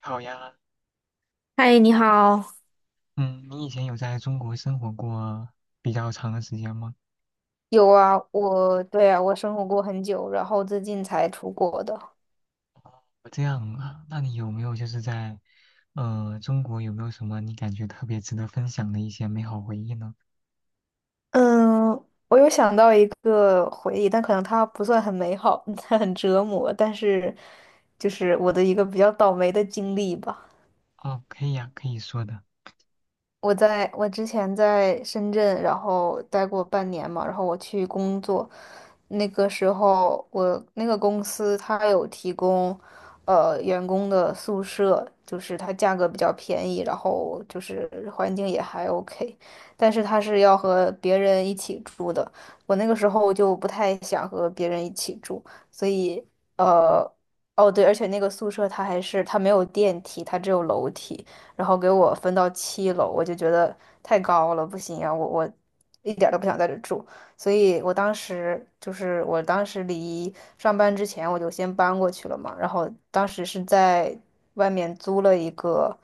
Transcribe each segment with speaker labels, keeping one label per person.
Speaker 1: 好呀。
Speaker 2: 嗨，你好。
Speaker 1: 嗯，你以前有在中国生活过比较长的时间吗？
Speaker 2: 有啊，我对啊，我生活过很久，然后最近才出国的。
Speaker 1: 这样啊，那你有没有就是在，中国有没有什么你感觉特别值得分享的一些美好回忆呢？
Speaker 2: 嗯，我有想到一个回忆，但可能它不算很美好，它很折磨，但是就是我的一个比较倒霉的经历吧。
Speaker 1: 哦，可以呀，可以说的。
Speaker 2: 我之前在深圳，然后待过半年嘛，然后我去工作，那个时候我那个公司它有提供，员工的宿舍，就是它价格比较便宜，然后就是环境也还 OK，但是它是要和别人一起住的，我那个时候就不太想和别人一起住，所以呃，哦对，而且那个宿舍它还是它没有电梯，它只有楼梯。然后给我分到七楼，我就觉得太高了，不行啊，我一点儿都不想在这住，所以我当时离上班之前我就先搬过去了嘛，然后当时是在外面租了一个，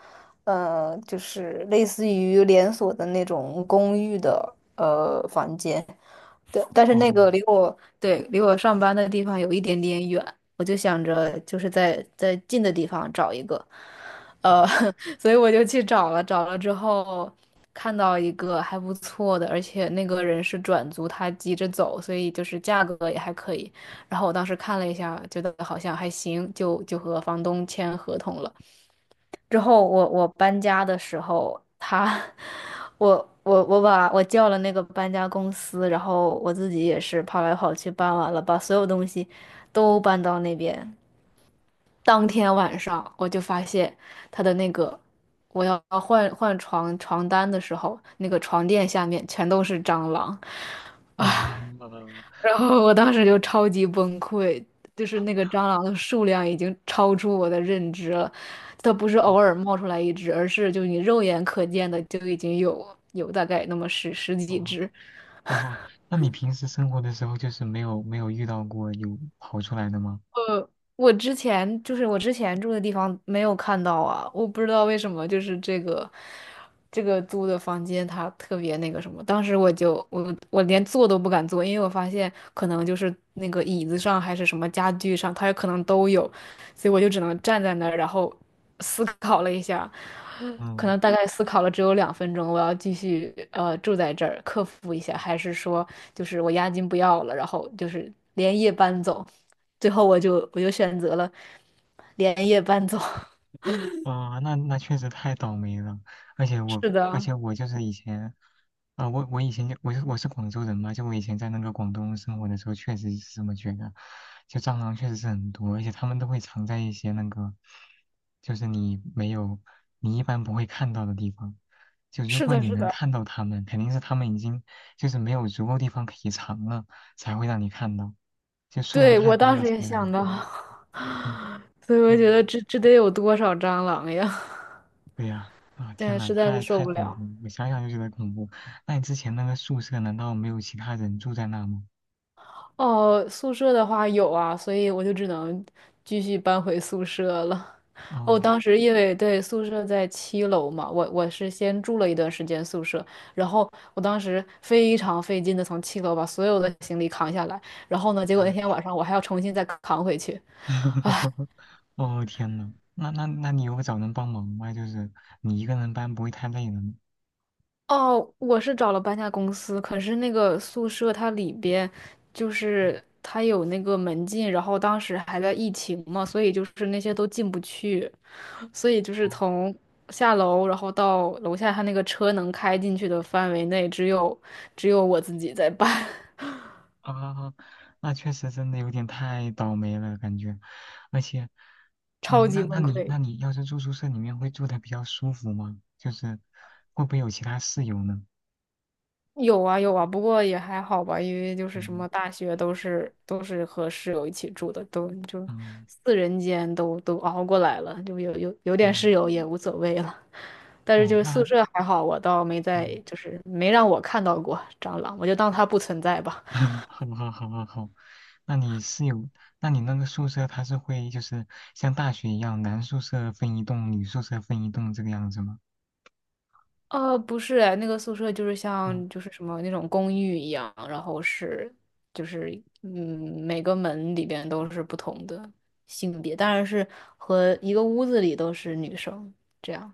Speaker 2: 就是类似于连锁的那种公寓的房间。对，但是
Speaker 1: 哦。
Speaker 2: 离我上班的地方有一点点远，我就想着就是在近的地方找一个，呃，
Speaker 1: 哦。
Speaker 2: 所以我就去找了，找了之后看到一个还不错的，而且那个人是转租，他急着走，所以就是价格也还可以。然后我当时看了一下，觉得好像还行，就和房东签合同了。之后我搬家的时候，他 我我叫了那个搬家公司，然后我自己也是跑来跑去搬完了，把所有东西都搬到那边。当天晚上我就发现他的那个我要换床单的时候，那个床垫下面全都是蟑螂。
Speaker 1: 啊，
Speaker 2: 然后我当时就超级崩溃，就是那个蟑螂的数量已经超出我的认知了，它不是偶
Speaker 1: 哦。
Speaker 2: 尔冒出来一只，而是就你肉眼可见的就已经有大概那么十几
Speaker 1: 哦。
Speaker 2: 只。
Speaker 1: 哦，那你平时生活的时候就是没有遇到过有跑出来的吗？
Speaker 2: 我之前住的地方没有看到啊，我不知道为什么，就是这个租的房间它特别那个什么，当时我就连坐都不敢坐，因为我发现可能就是那个椅子上还是什么家具上，它有可能都有，所以我就只能站在那儿，然后思考了一下，可
Speaker 1: 嗯。
Speaker 2: 能大概思考了只有两分钟，我要继续住在这儿，克服一下，还是说就是我押金不要了，然后就是连夜搬走。最后我就选择了连夜搬走。
Speaker 1: 啊，那那确实太倒霉了，而且我，
Speaker 2: 是
Speaker 1: 而
Speaker 2: 的，
Speaker 1: 且我就是以前，啊、我以前就我是广州人嘛，就我以前在那个广东生活的时候，确实是这么觉得，就蟑螂确实是很多，而且它们都会藏在一些那个，就是你没有，你一般不会看到的地方，就如
Speaker 2: 是
Speaker 1: 果
Speaker 2: 的，
Speaker 1: 你
Speaker 2: 是
Speaker 1: 能
Speaker 2: 的，
Speaker 1: 看到它们，肯定是它们已经就是没有足够地方可以藏了，才会让你看到，就数量
Speaker 2: 对，
Speaker 1: 太
Speaker 2: 我
Speaker 1: 多
Speaker 2: 当
Speaker 1: 了
Speaker 2: 时
Speaker 1: 才
Speaker 2: 也
Speaker 1: 会让你
Speaker 2: 想到，
Speaker 1: 看到。嗯。
Speaker 2: 所以我觉得
Speaker 1: 嗯。
Speaker 2: 这得有多少蟑螂呀？
Speaker 1: 对呀，啊，
Speaker 2: 现
Speaker 1: 天
Speaker 2: 在
Speaker 1: 呐，
Speaker 2: 实在是
Speaker 1: 太
Speaker 2: 受
Speaker 1: 太
Speaker 2: 不
Speaker 1: 恐
Speaker 2: 了。
Speaker 1: 怖了，我想想就觉得恐怖。那你之前那个宿舍难道没有其他人住在那吗？
Speaker 2: 哦，宿舍的话有啊，所以我就只能继续搬回宿舍了。哦，
Speaker 1: 哦。
Speaker 2: 当时因为对宿舍在七楼嘛，我是先住了一段时间宿舍，然后我当时非常费劲的从七楼把所有的行李扛下来，然后呢，结果那天晚上我还要重新再扛回去，
Speaker 1: 哦，天呐，那你有找人帮忙吗？就是你一个人搬不会太累了吗？
Speaker 2: 哦，我是找了搬家公司，可是那个宿舍它里边就
Speaker 1: 嗯。
Speaker 2: 是它有那个门禁，然后当时还在疫情嘛，所以就是那些都进不去，所以就是
Speaker 1: 哦。
Speaker 2: 从下楼然后到楼下，它那个车能开进去的范围内，只有我自己在搬，
Speaker 1: 啊，那确实真的有点太倒霉了感觉，而且。
Speaker 2: 超
Speaker 1: 嗯，
Speaker 2: 级
Speaker 1: 那
Speaker 2: 崩
Speaker 1: 你
Speaker 2: 溃。
Speaker 1: 那你要是住宿舍里面会住的比较舒服吗？就是会不会有其他室友呢？
Speaker 2: 有啊有啊，不过也还好吧，因为就是什
Speaker 1: 嗯。
Speaker 2: 么大学都是和室友一起住的，都就
Speaker 1: 嗯。
Speaker 2: 四人间都熬过来了，就有点室
Speaker 1: 嗯。
Speaker 2: 友也无所谓了。但是
Speaker 1: 哦，
Speaker 2: 就是
Speaker 1: 那
Speaker 2: 宿
Speaker 1: 他。
Speaker 2: 舍还好，我倒没在，
Speaker 1: 嗯。
Speaker 2: 就是没让我看到过蟑螂，我就当它不存在吧。
Speaker 1: 好好好好好，那你是有，那你那个宿舍它是会就是像大学一样，男宿舍分一栋，女宿舍分一栋这个样子吗？
Speaker 2: 呃，不是哎，那个宿舍就是
Speaker 1: 嗯。
Speaker 2: 像就是什么那种公寓一样，然后是就是嗯，每个门里边都是不同的性别，当然是和一个屋子里都是女生这样。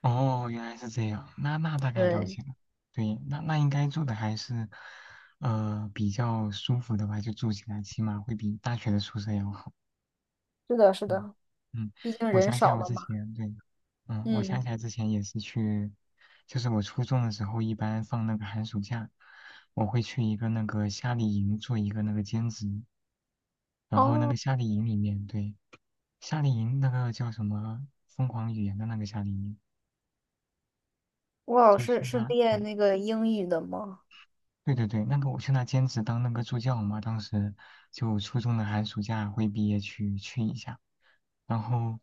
Speaker 1: 哦，原来是这样，那那大概了
Speaker 2: 对，
Speaker 1: 解了。对，那那应该住的还是，比较舒服的吧，就住起来起码会比大学的宿舍要好。
Speaker 2: 是的，是
Speaker 1: 嗯。
Speaker 2: 的，
Speaker 1: 嗯，
Speaker 2: 毕竟
Speaker 1: 我
Speaker 2: 人
Speaker 1: 想起来
Speaker 2: 少
Speaker 1: 我
Speaker 2: 了
Speaker 1: 之
Speaker 2: 嘛。
Speaker 1: 前对，嗯，我想
Speaker 2: 嗯，
Speaker 1: 起来之前也是去，就是我初中的时候，一般放那个寒暑假，我会去一个那个夏令营做一个那个兼职，然后那
Speaker 2: 哦，
Speaker 1: 个夏令营里面，对，夏令营那个叫什么疯狂语言的那个夏令营，
Speaker 2: 我老
Speaker 1: 就去
Speaker 2: 师是
Speaker 1: 那，
Speaker 2: 练
Speaker 1: 对
Speaker 2: 那个英语的吗？
Speaker 1: 对对对，那个我去那兼职当那个助教嘛，当时就初中的寒暑假会毕业去一下，然后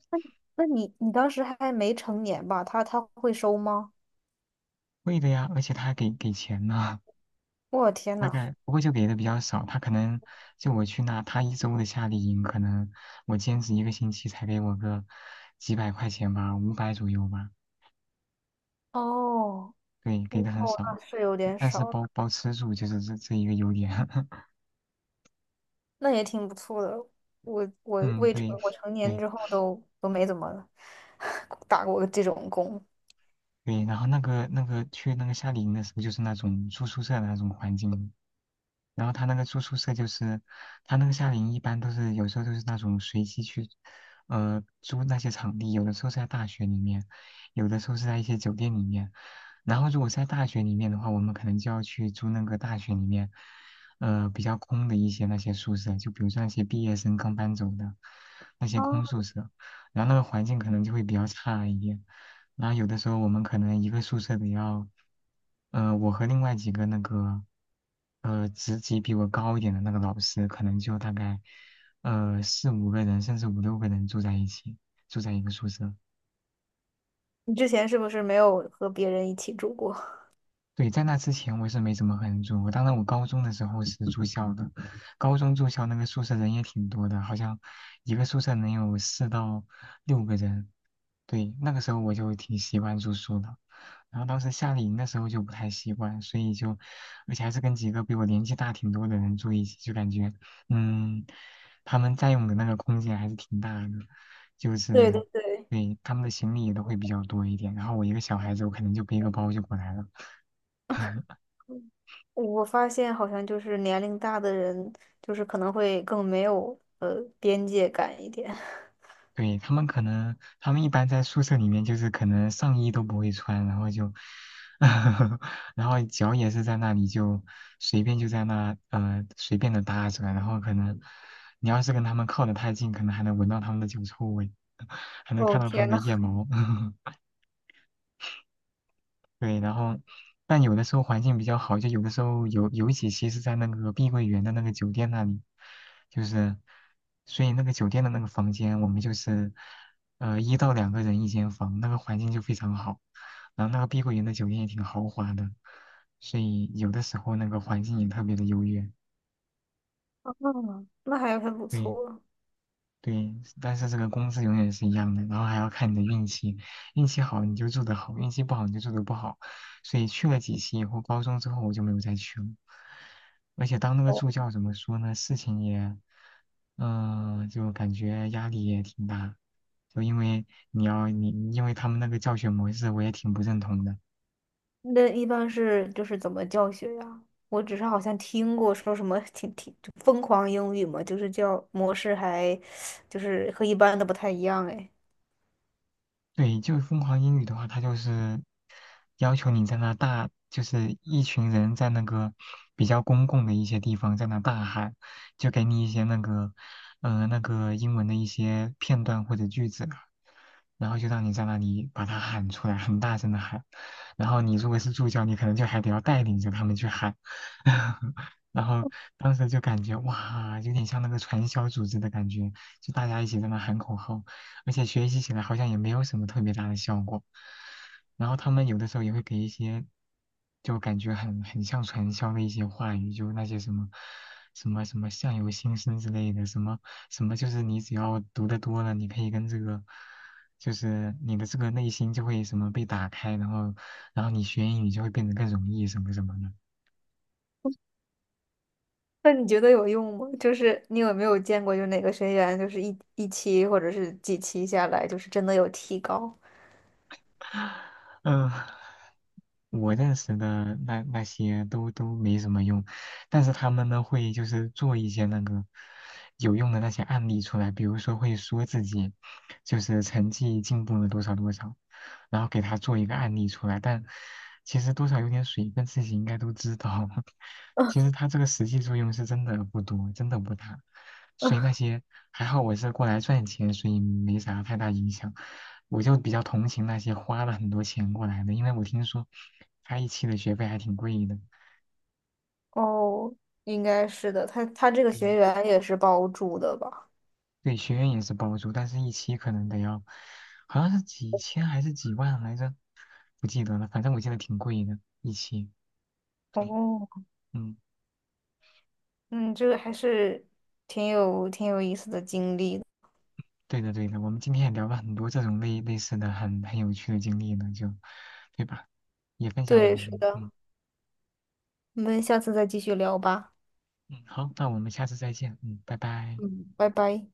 Speaker 2: 那你当时还没成年吧？他会收吗？
Speaker 1: 会的呀，而且他还给钱呢。
Speaker 2: 我天
Speaker 1: 大
Speaker 2: 呐，
Speaker 1: 概不过就给的比较少，他可能就我去那，他一周的夏令营，可能我兼职一个星期才给我个几百块钱吧，五百左右吧，
Speaker 2: 哦，
Speaker 1: 对，给
Speaker 2: 哦，
Speaker 1: 的很
Speaker 2: 那
Speaker 1: 少，
Speaker 2: 是有点
Speaker 1: 但是
Speaker 2: 少。
Speaker 1: 包吃住就是这一个优点。
Speaker 2: 那也挺不错的。我我
Speaker 1: 嗯，
Speaker 2: 未成
Speaker 1: 对。
Speaker 2: 我成年
Speaker 1: 对，
Speaker 2: 之后都没怎么 打过这种工。
Speaker 1: 对，然后那个去那个夏令营的时候，就是那种住宿舍的那种环境，然后他那个住宿舍就是，他那个夏令营一般都是有时候都是那种随机去，租那些场地，有的时候是在大学里面，有的时候是在一些酒店里面。然后如果是在大学里面的话，我们可能就要去租那个大学里面，比较空的一些那些宿舍，就比如说那些毕业生刚搬走的那些空
Speaker 2: 啊。
Speaker 1: 宿舍。然后那个环境可能就会比较差一点。然后有的时候我们可能一个宿舍得要，我和另外几个那个，职级比我高一点的那个老师，可能就大概，四五个人，甚至五六个人住在一起，住在一个宿舍。
Speaker 2: 你之前是不是没有和别人一起住过？
Speaker 1: 对，在那之前我是没怎么和人住过，我当然我高中的时候是住校的，高中住校那个宿舍人也挺多的，好像一个宿舍能有四到六个人。对，那个时候我就挺习惯住宿的，然后当时夏令营的时候就不太习惯，所以就，而且还是跟几个比我年纪大挺多的人住一起，就感觉，嗯，他们占用的那个空间还是挺大的，就
Speaker 2: 对对
Speaker 1: 是，
Speaker 2: 对，
Speaker 1: 对，他们的行李也都会比较多一点，然后我一个小孩子，我可能就背个包就过来了。
Speaker 2: 我发现好像就是年龄大的人，就是可能会更没有边界感一点。
Speaker 1: 对，他们可能，他们一般在宿舍里面就是可能上衣都不会穿，然后就。然后脚也是在那里就随便就在那随便的搭着，然后可能你要是跟他们靠得太近，可能还能闻到他们的脚臭味。还能看
Speaker 2: 哦
Speaker 1: 到他
Speaker 2: 天
Speaker 1: 们的
Speaker 2: 呐，
Speaker 1: 腋毛。对，然后但有的时候环境比较好，就有的时候有几期是在那个碧桂园的那个酒店那里，就是所以那个酒店的那个房间，我们就是一到两个人一间房，那个环境就非常好，然后那个碧桂园的酒店也挺豪华的，所以有的时候那个环境也特别的优越。
Speaker 2: 嗯，那还很不
Speaker 1: 对。
Speaker 2: 错。
Speaker 1: 对，但是这个工资永远是一样的，然后还要看你的运气，运气好你就做得好，运气不好你就做得不好。所以去了几期以后，高中之后我就没有再去了。而且当那个
Speaker 2: 哦。
Speaker 1: 助教怎么说呢，事情也，嗯、就感觉压力也挺大，就因为你要你因为他们那个教学模式我也挺不认同的。
Speaker 2: 那一般是就是怎么教学呀？我只是好像听过说什么挺就疯狂英语嘛，就是教模式还就是和一般的不太一样哎。
Speaker 1: 对，就疯狂英语的话，它就是要求你在那大，就是一群人在那个比较公共的一些地方在那大喊，就给你一些那个，那个英文的一些片段或者句子啊，然后就让你在那里把它喊出来，很大声的喊，然后你如果是助教，你可能就还得要带领着他们去喊。然后当时就感觉哇，有点像那个传销组织的感觉，就大家一起在那喊口号。而且学习起来好像也没有什么特别大的效果。然后他们有的时候也会给一些，就感觉很像传销的一些话语，就那些什么什么相由心生之类的，什么什么就是你只要读得多了，你可以跟这个，就是你的这个内心就会什么被打开，然后然后你学英语就会变得更容易什么什么的。
Speaker 2: 那你觉得有用吗？就是你有没有见过，就哪个学员就是一期或者是几期下来，就是真的有提高？
Speaker 1: 嗯，我认识的那些都没什么用，但是他们呢会就是做一些那个有用的那些案例出来，比如说会说自己就是成绩进步了多少多少，然后给他做一个案例出来，但其实多少有点水分，自己应该都知道。其实他这个实际作用是真的不多，真的不大。所以那些还好我是过来赚钱，所以没啥太大影响。我就比较同情那些花了很多钱过来的，因为我听说他一期的学费还挺贵的。
Speaker 2: 哦，应该是的，他这个
Speaker 1: 对，
Speaker 2: 学员也是包住的吧？
Speaker 1: 对，学院也是包住，但是一期可能得要，好像是几千还是几万来着，不记得了。反正我记得挺贵的，一期。
Speaker 2: 哦，
Speaker 1: 嗯，
Speaker 2: 嗯，这个还是挺有意思的经历的。
Speaker 1: 对的对的，我们今天也聊了很多这种类似的很有趣的经历呢，就，对吧？也分享了
Speaker 2: 对，
Speaker 1: 很
Speaker 2: 是
Speaker 1: 多。
Speaker 2: 的，
Speaker 1: 嗯。
Speaker 2: 我们下次再继续聊吧。
Speaker 1: 嗯，好，那我们下次再见。嗯，拜拜。
Speaker 2: 嗯，拜拜。